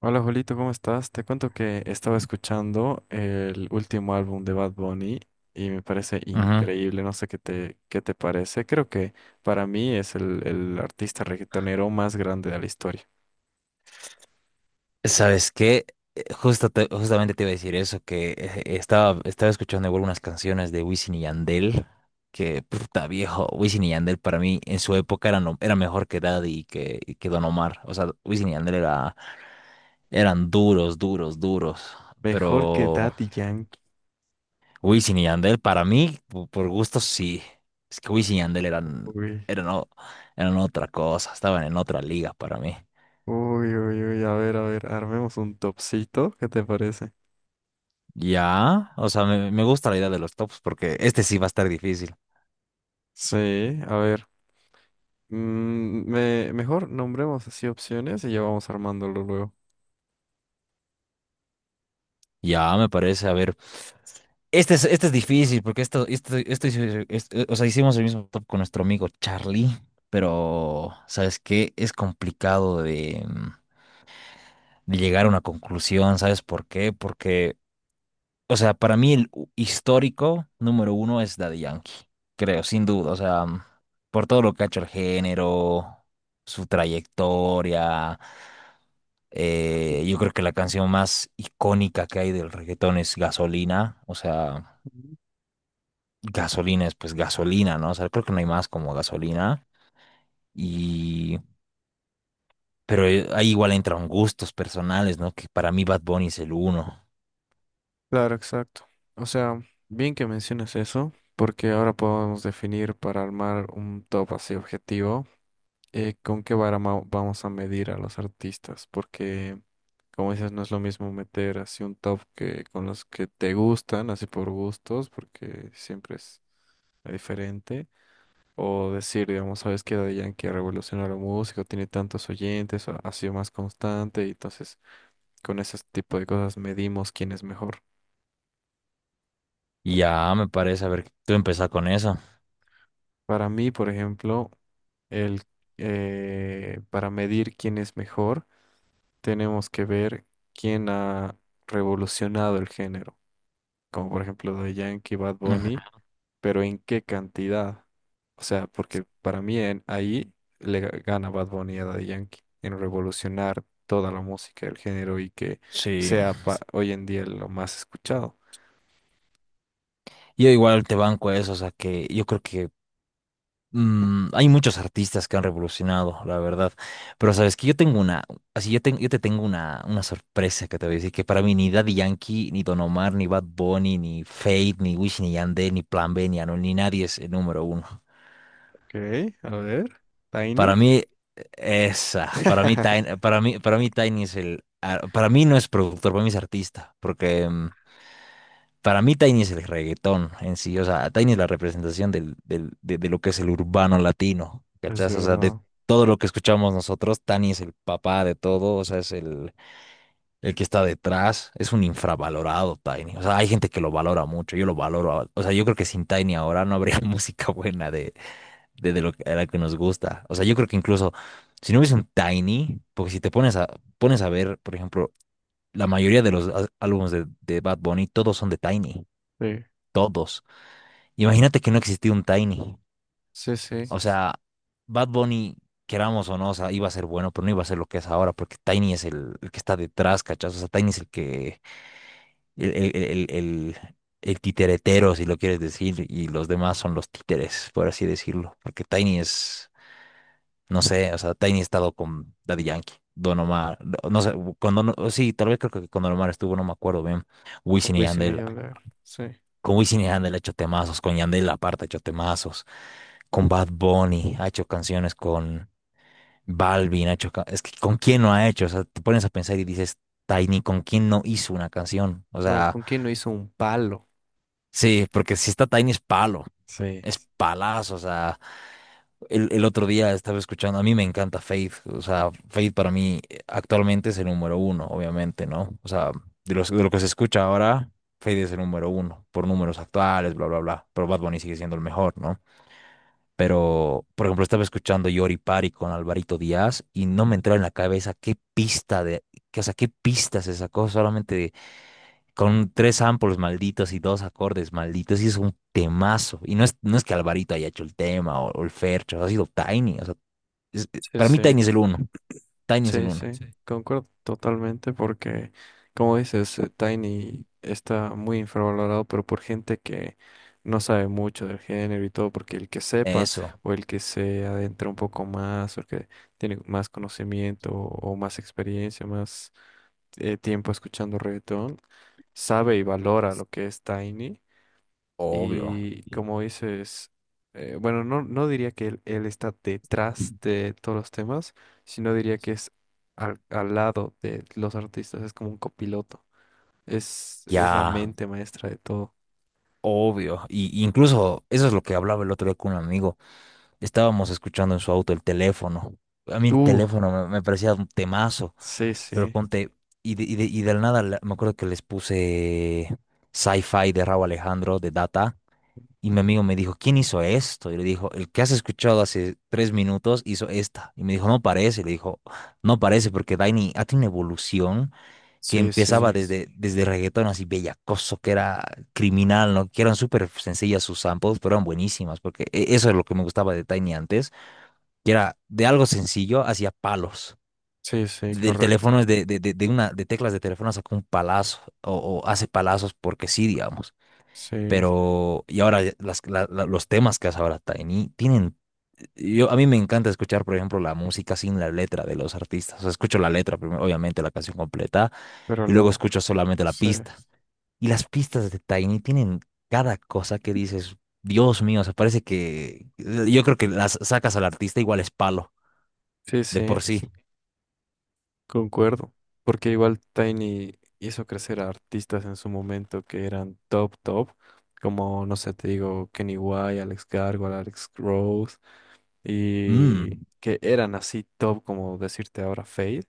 Hola Julito, ¿cómo estás? Te cuento que estaba escuchando el último álbum de Bad Bunny y me parece Ujú. increíble, no sé qué te parece. Creo que para mí es el artista reggaetonero más grande de la historia. ¿Sabes qué? Justamente te iba a decir eso, que estaba escuchando igual unas canciones de Wisin y Yandel, que puta viejo, Wisin y Yandel para mí en su época era mejor que Daddy y que Don Omar. O sea, Wisin y Yandel eran duros, duros, duros. Mejor que Pero Daddy Yankee. Wisin y Yandel para mí, por gusto sí. Es que Wisin y Yandel eran, Uy, eran, o- eran otra cosa, estaban en otra liga para mí. uy, uy, uy, a ver, armemos un topcito, ¿qué te parece? Ya, o sea, me gusta la idea de los tops porque este sí va a estar difícil. Sí, a ver, mejor nombremos así opciones y ya vamos armándolo luego. Ya, me parece, a ver, este es difícil porque esto, hice- este- o sea, hicimos el mismo top con nuestro amigo Charlie, pero, ¿sabes qué? Es complicado de de llegar a una conclusión, ¿sabes por qué? Porque O sea, para mí el histórico número uno es Daddy Yankee, creo, sin duda. O sea, por todo lo que ha hecho el género, su trayectoria. Yo creo que la canción más icónica que hay del reggaetón es Gasolina. O sea, gasolina es pues gasolina, ¿no? O sea, creo que no hay más como gasolina. Y... Pero ahí igual entran gustos personales, ¿no? Que para mí Bad Bunny es el uno. Claro, exacto. O sea, bien que menciones eso, porque ahora podemos definir para armar un top así objetivo, con qué vamos a medir a los artistas, porque como dices, no es lo mismo meter así un top que con los que te gustan, así por gustos, porque siempre es diferente, o decir, digamos, sabes que Daddy Yankee revolucionó la música, tiene tantos oyentes, ha sido más constante, y entonces con ese tipo de cosas medimos quién es mejor. Y ya me parece, a ver, tú empezás con eso. Para mí, por ejemplo, el, para medir quién es mejor, tenemos que ver quién ha revolucionado el género, como por ejemplo de Yankee, Bad Ujú. Bunny, pero en qué cantidad. O sea, porque para mí ahí gana Bad Bunny a Daddy Yankee en revolucionar toda la música del género y que Sí. sea hoy en día lo más escuchado. Yo igual te banco a eso, o sea que yo creo que hay muchos artistas que han revolucionado, la verdad. Pero sabes que yo tengo una, yo te tengo una sorpresa que te voy a decir, que para mí ni Daddy Yankee, ni Don Omar, ni Bad Bunny, ni Fate, ni Wisin ni Yandé, ni Plan B, ni Anuel, ni nadie es el número uno. Ok, a ver, Para Tiny. mí, para mí Tiny es el, ah, para mí no es productor, para mí es artista, porque para mí Tiny es el reggaetón en sí, o sea, Tiny es la representación de lo que es el urbano latino, Es ¿cachás? O sea, de verdad. todo lo que escuchamos nosotros, Tiny es el papá de todo, o sea, es el que está detrás, es un infravalorado Tiny, o sea, hay gente que lo valora mucho, yo lo valoro, o sea, yo creo que sin Tiny ahora no habría música buena de lo que, a la que nos gusta, o sea, yo creo que incluso si no hubiese un Tiny, porque si te pones a, pones a ver, por ejemplo, la mayoría de los álbumes de Bad Bunny, todos son de Tiny, Sí, todos. Imagínate que no existía un Tiny. sí. O sea, Bad Bunny, queramos o no, o sea, iba a ser bueno, pero no iba a ser lo que es ahora, porque Tiny es el que está detrás, ¿cachas? O sea, Tiny es el que, el, el, el, el- el titeretero, si lo quieres decir, y los demás son los títeres, por así decirlo. Porque Tiny es, no sé, o sea, Tiny ha estado con Daddy Yankee, Don Omar, no, no sé, con Don, sí, tal vez creo que con Don Omar estuvo, no me acuerdo bien. Wisin y Wisin y Yandel, Yandel, sí. con Wisin y Yandel ha hecho temazos, con Yandel aparte ha hecho temazos. Con Bad Bunny, ha hecho canciones con Balvin, ha hecho... Es que ¿con quién no ha hecho? O sea, te pones a pensar y dices, Tiny, ¿con quién no hizo una canción? O No, sea, ¿con quién no hizo un palo? sí, porque si está Tiny es palo, Sí, es palazo, o sea... El otro día estaba escuchando, a mí me encanta Faith, o sea, Faith para mí actualmente es el número uno, obviamente, ¿no? O sea, de lo que se escucha ahora, Faith es el número uno, por números actuales, bla, bla, bla, pero Bad Bunny sigue siendo el mejor, ¿no? Pero, por ejemplo, estaba escuchando Yori Pari con Alvarito Díaz y no me entraba en la cabeza qué pista se sacó con tres samples malditos y dos acordes malditos y es un temazo. No es que Alvarito haya hecho el tema o el Fercho, ha sido Tiny. O sea, Sí, para mí sí, Tiny es el uno. Tiny es el sí, uno. sí. Sí. Concuerdo totalmente porque, como dices, Tiny está muy infravalorado, pero por gente que no sabe mucho del género y todo, porque el que sepa Eso, o el que se adentra un poco más o el que tiene más conocimiento o más experiencia, más tiempo escuchando reggaetón, sabe y valora lo que es Tiny. obvio. Y como dices, bueno, no, no diría que él está Sí. detrás de todos los temas, sino diría que es al lado de los artistas, es como un copiloto, es la Ya, mente maestra de todo. obvio. Y incluso eso es lo que hablaba el otro día con un amigo. Estábamos escuchando en su auto el teléfono. A mí el Uh, teléfono me parecía un temazo, sí, pero sí, ponte, y de, y de- y del nada la- me acuerdo que les puse Sci-Fi de Raúl Alejandro, de Data, y mi amigo me dijo, ¿quién hizo esto? Y le dijo, el que has escuchado hace 3 minutos hizo esta. Y me dijo, no parece, le dijo, no parece, porque Daini ha tenido una evolución que sí, empezaba sí, desde reggaetón así bellacoso, que era criminal, ¿no? Que eran súper sencillas sus samples, pero eran buenísimas, porque eso es lo que me gustaba de Tiny antes que era de algo sencillo hacia palos. sí, Del correcto, teléfono, de teclas de teléfono sacó un palazo o hace palazos porque sí, digamos. sí, Pero, y ahora los temas que hace ahora Tiny tienen, yo, a mí me encanta escuchar, por ejemplo, la música sin la letra de los artistas. O sea, escucho la letra primero, obviamente la canción completa, pero y luego escucho solamente la sí, pista. Y las pistas de Tiny tienen cada cosa que dices, Dios mío, o sea, parece que yo creo que las sacas al artista igual es palo, sí, de por sí. sí. Concuerdo, porque igual Tiny hizo crecer a artistas en su momento que eran top, como, no sé, te digo, Kenny White, Alex Gargoyle, Alex Rose, y Mm, que eran así top, como decirte ahora Fade,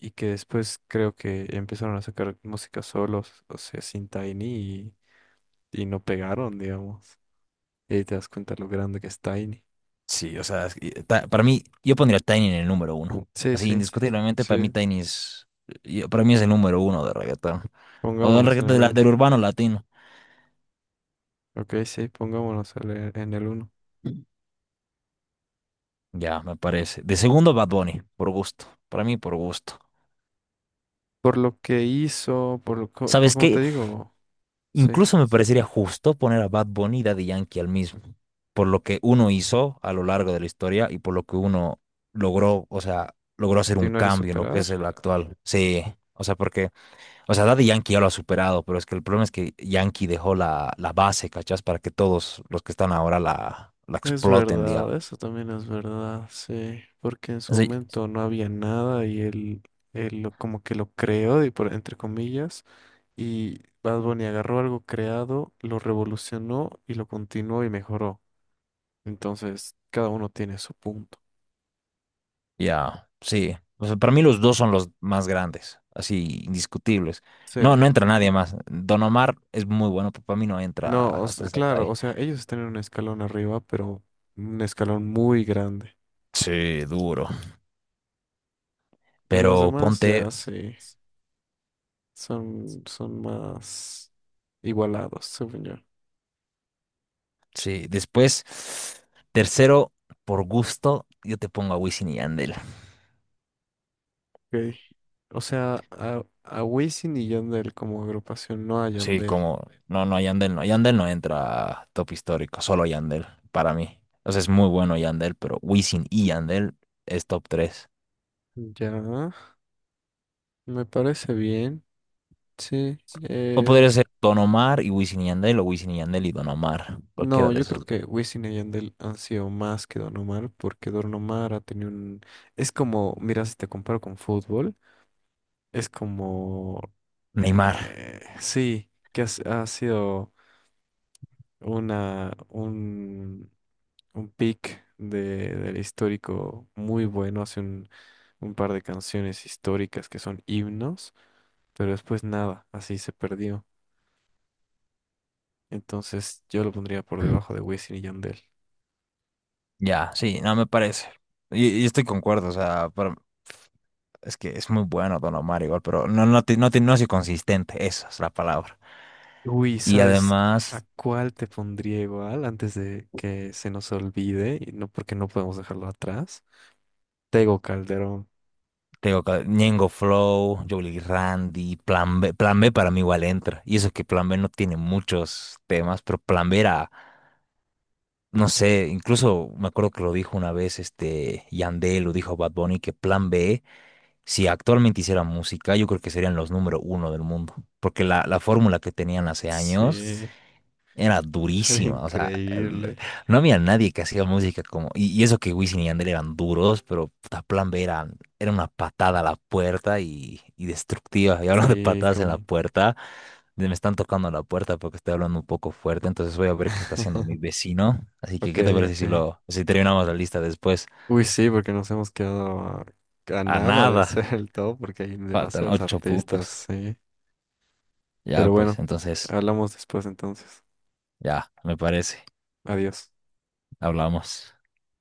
y que después creo que empezaron a sacar música solos, o sea, sin Tiny, y no pegaron, digamos. Y ahí te das cuenta lo grande que es Tiny. sí, o sea, es que, para mí, yo pondría Tiny en el número uno. Sí, Así, sí, indiscutiblemente, para mí sí, Tiny es, para mí es el número uno de reggaetón. O del pongámoslos en el reggaetón de uno. del urbano latino. Ok, sí, pongámoslos en el uno. Ya, me parece. De segundo, Bad Bunny, por gusto. Para mí, por gusto. Por lo que hizo, por ¿Sabes como qué? te digo, sí, Incluso me parecería justo poner a Bad Bunny y Daddy Yankee al mismo. Por lo que uno hizo a lo largo de la historia y por lo que uno logró, o sea, logró hacer un continuar y cambio en lo que superar. es el actual. Sí, o sea, porque O sea, Daddy Yankee ya lo ha superado, pero es que el problema es que Yankee dejó la base, ¿cachás? Para que todos los que están ahora la Es exploten, verdad, digamos. eso también es verdad, sí, porque en O su momento no había nada y él, como que lo creó, y por, entre comillas, y Bad Bunny agarró algo creado, lo revolucionó y lo continuó y mejoró. Entonces, cada uno tiene su punto. ya, sí. O sea, para mí los dos son los más grandes, así, indiscutibles. Sí, No, no entra nadie más. Don Omar es muy bueno, pero para mí no entra no, hasta esa claro, talla. o sea, ellos están en un escalón arriba, pero un escalón muy grande. Sí, duro. De los Pero demás, ponte, ya sí. Son más igualados, según yo. sí, después, tercero, por gusto, yo te pongo a Wisin y Yandel. Ok. O sea, a Wisin y Yandel como agrupación, no a Sí, Yandel. como no, Yandel no. Yandel no entra a top histórico, solo Yandel, para mí. O sea, es muy bueno Yandel, pero Wisin y Yandel es top tres. Ya, me parece bien. Sí. O eh, podría ser Don Omar y Wisin y Yandel, o Wisin y Yandel y Don Omar, cualquiera no, de yo esos. creo Dos. que Wisin y Yandel han sido más que Don Omar, porque Don Omar ha tenido un... Es como, mira, si te comparo con fútbol, es como... Neymar, sí, que ha sido un pick de, del histórico muy bueno, hace un par de canciones históricas que son himnos, pero después nada, así se perdió. Entonces yo lo pondría por debajo de Wisin y Yandel. ya, sí, no me parece. Y estoy concuerdo, o sea, pero es que es muy bueno Don Omar igual, pero no ha sido consistente, esa es la palabra. Uy, Y ¿sabes a además. cuál te pondría igual antes de que se nos olvide? Y no porque no podemos dejarlo atrás. Tego Calderón. Ñengo Flow, Jolly Randy, Plan B. Plan B para mí igual entra. Y eso que Plan B no tiene muchos temas, pero Plan B era, no sé, incluso me acuerdo que lo dijo una vez este Yandel, lo dijo Bad Bunny, que Plan B, si actualmente hiciera música, yo creo que serían los número uno del mundo. Porque la fórmula que tenían hace años Sí, era era durísima, o sea, increíble. no había nadie que hacía música como, y eso que Wisin y Yandel eran duros, pero puta, Plan B era, era una patada a la puerta y destructiva. Y hablando de Sí, patadas en la con... puerta, me están tocando la puerta porque estoy hablando un poco fuerte, entonces voy a ver qué está haciendo mi vecino. Así que, Ok, ¿qué te parece ok. Si terminamos la lista después? Uy, sí, porque nos hemos quedado a A nada de nada, hacer el top porque hay faltan demasiados ocho artistas, puntos. sí. Ya, Pero pues, bueno, entonces, hablamos después entonces. ya, me parece, Adiós. hablamos.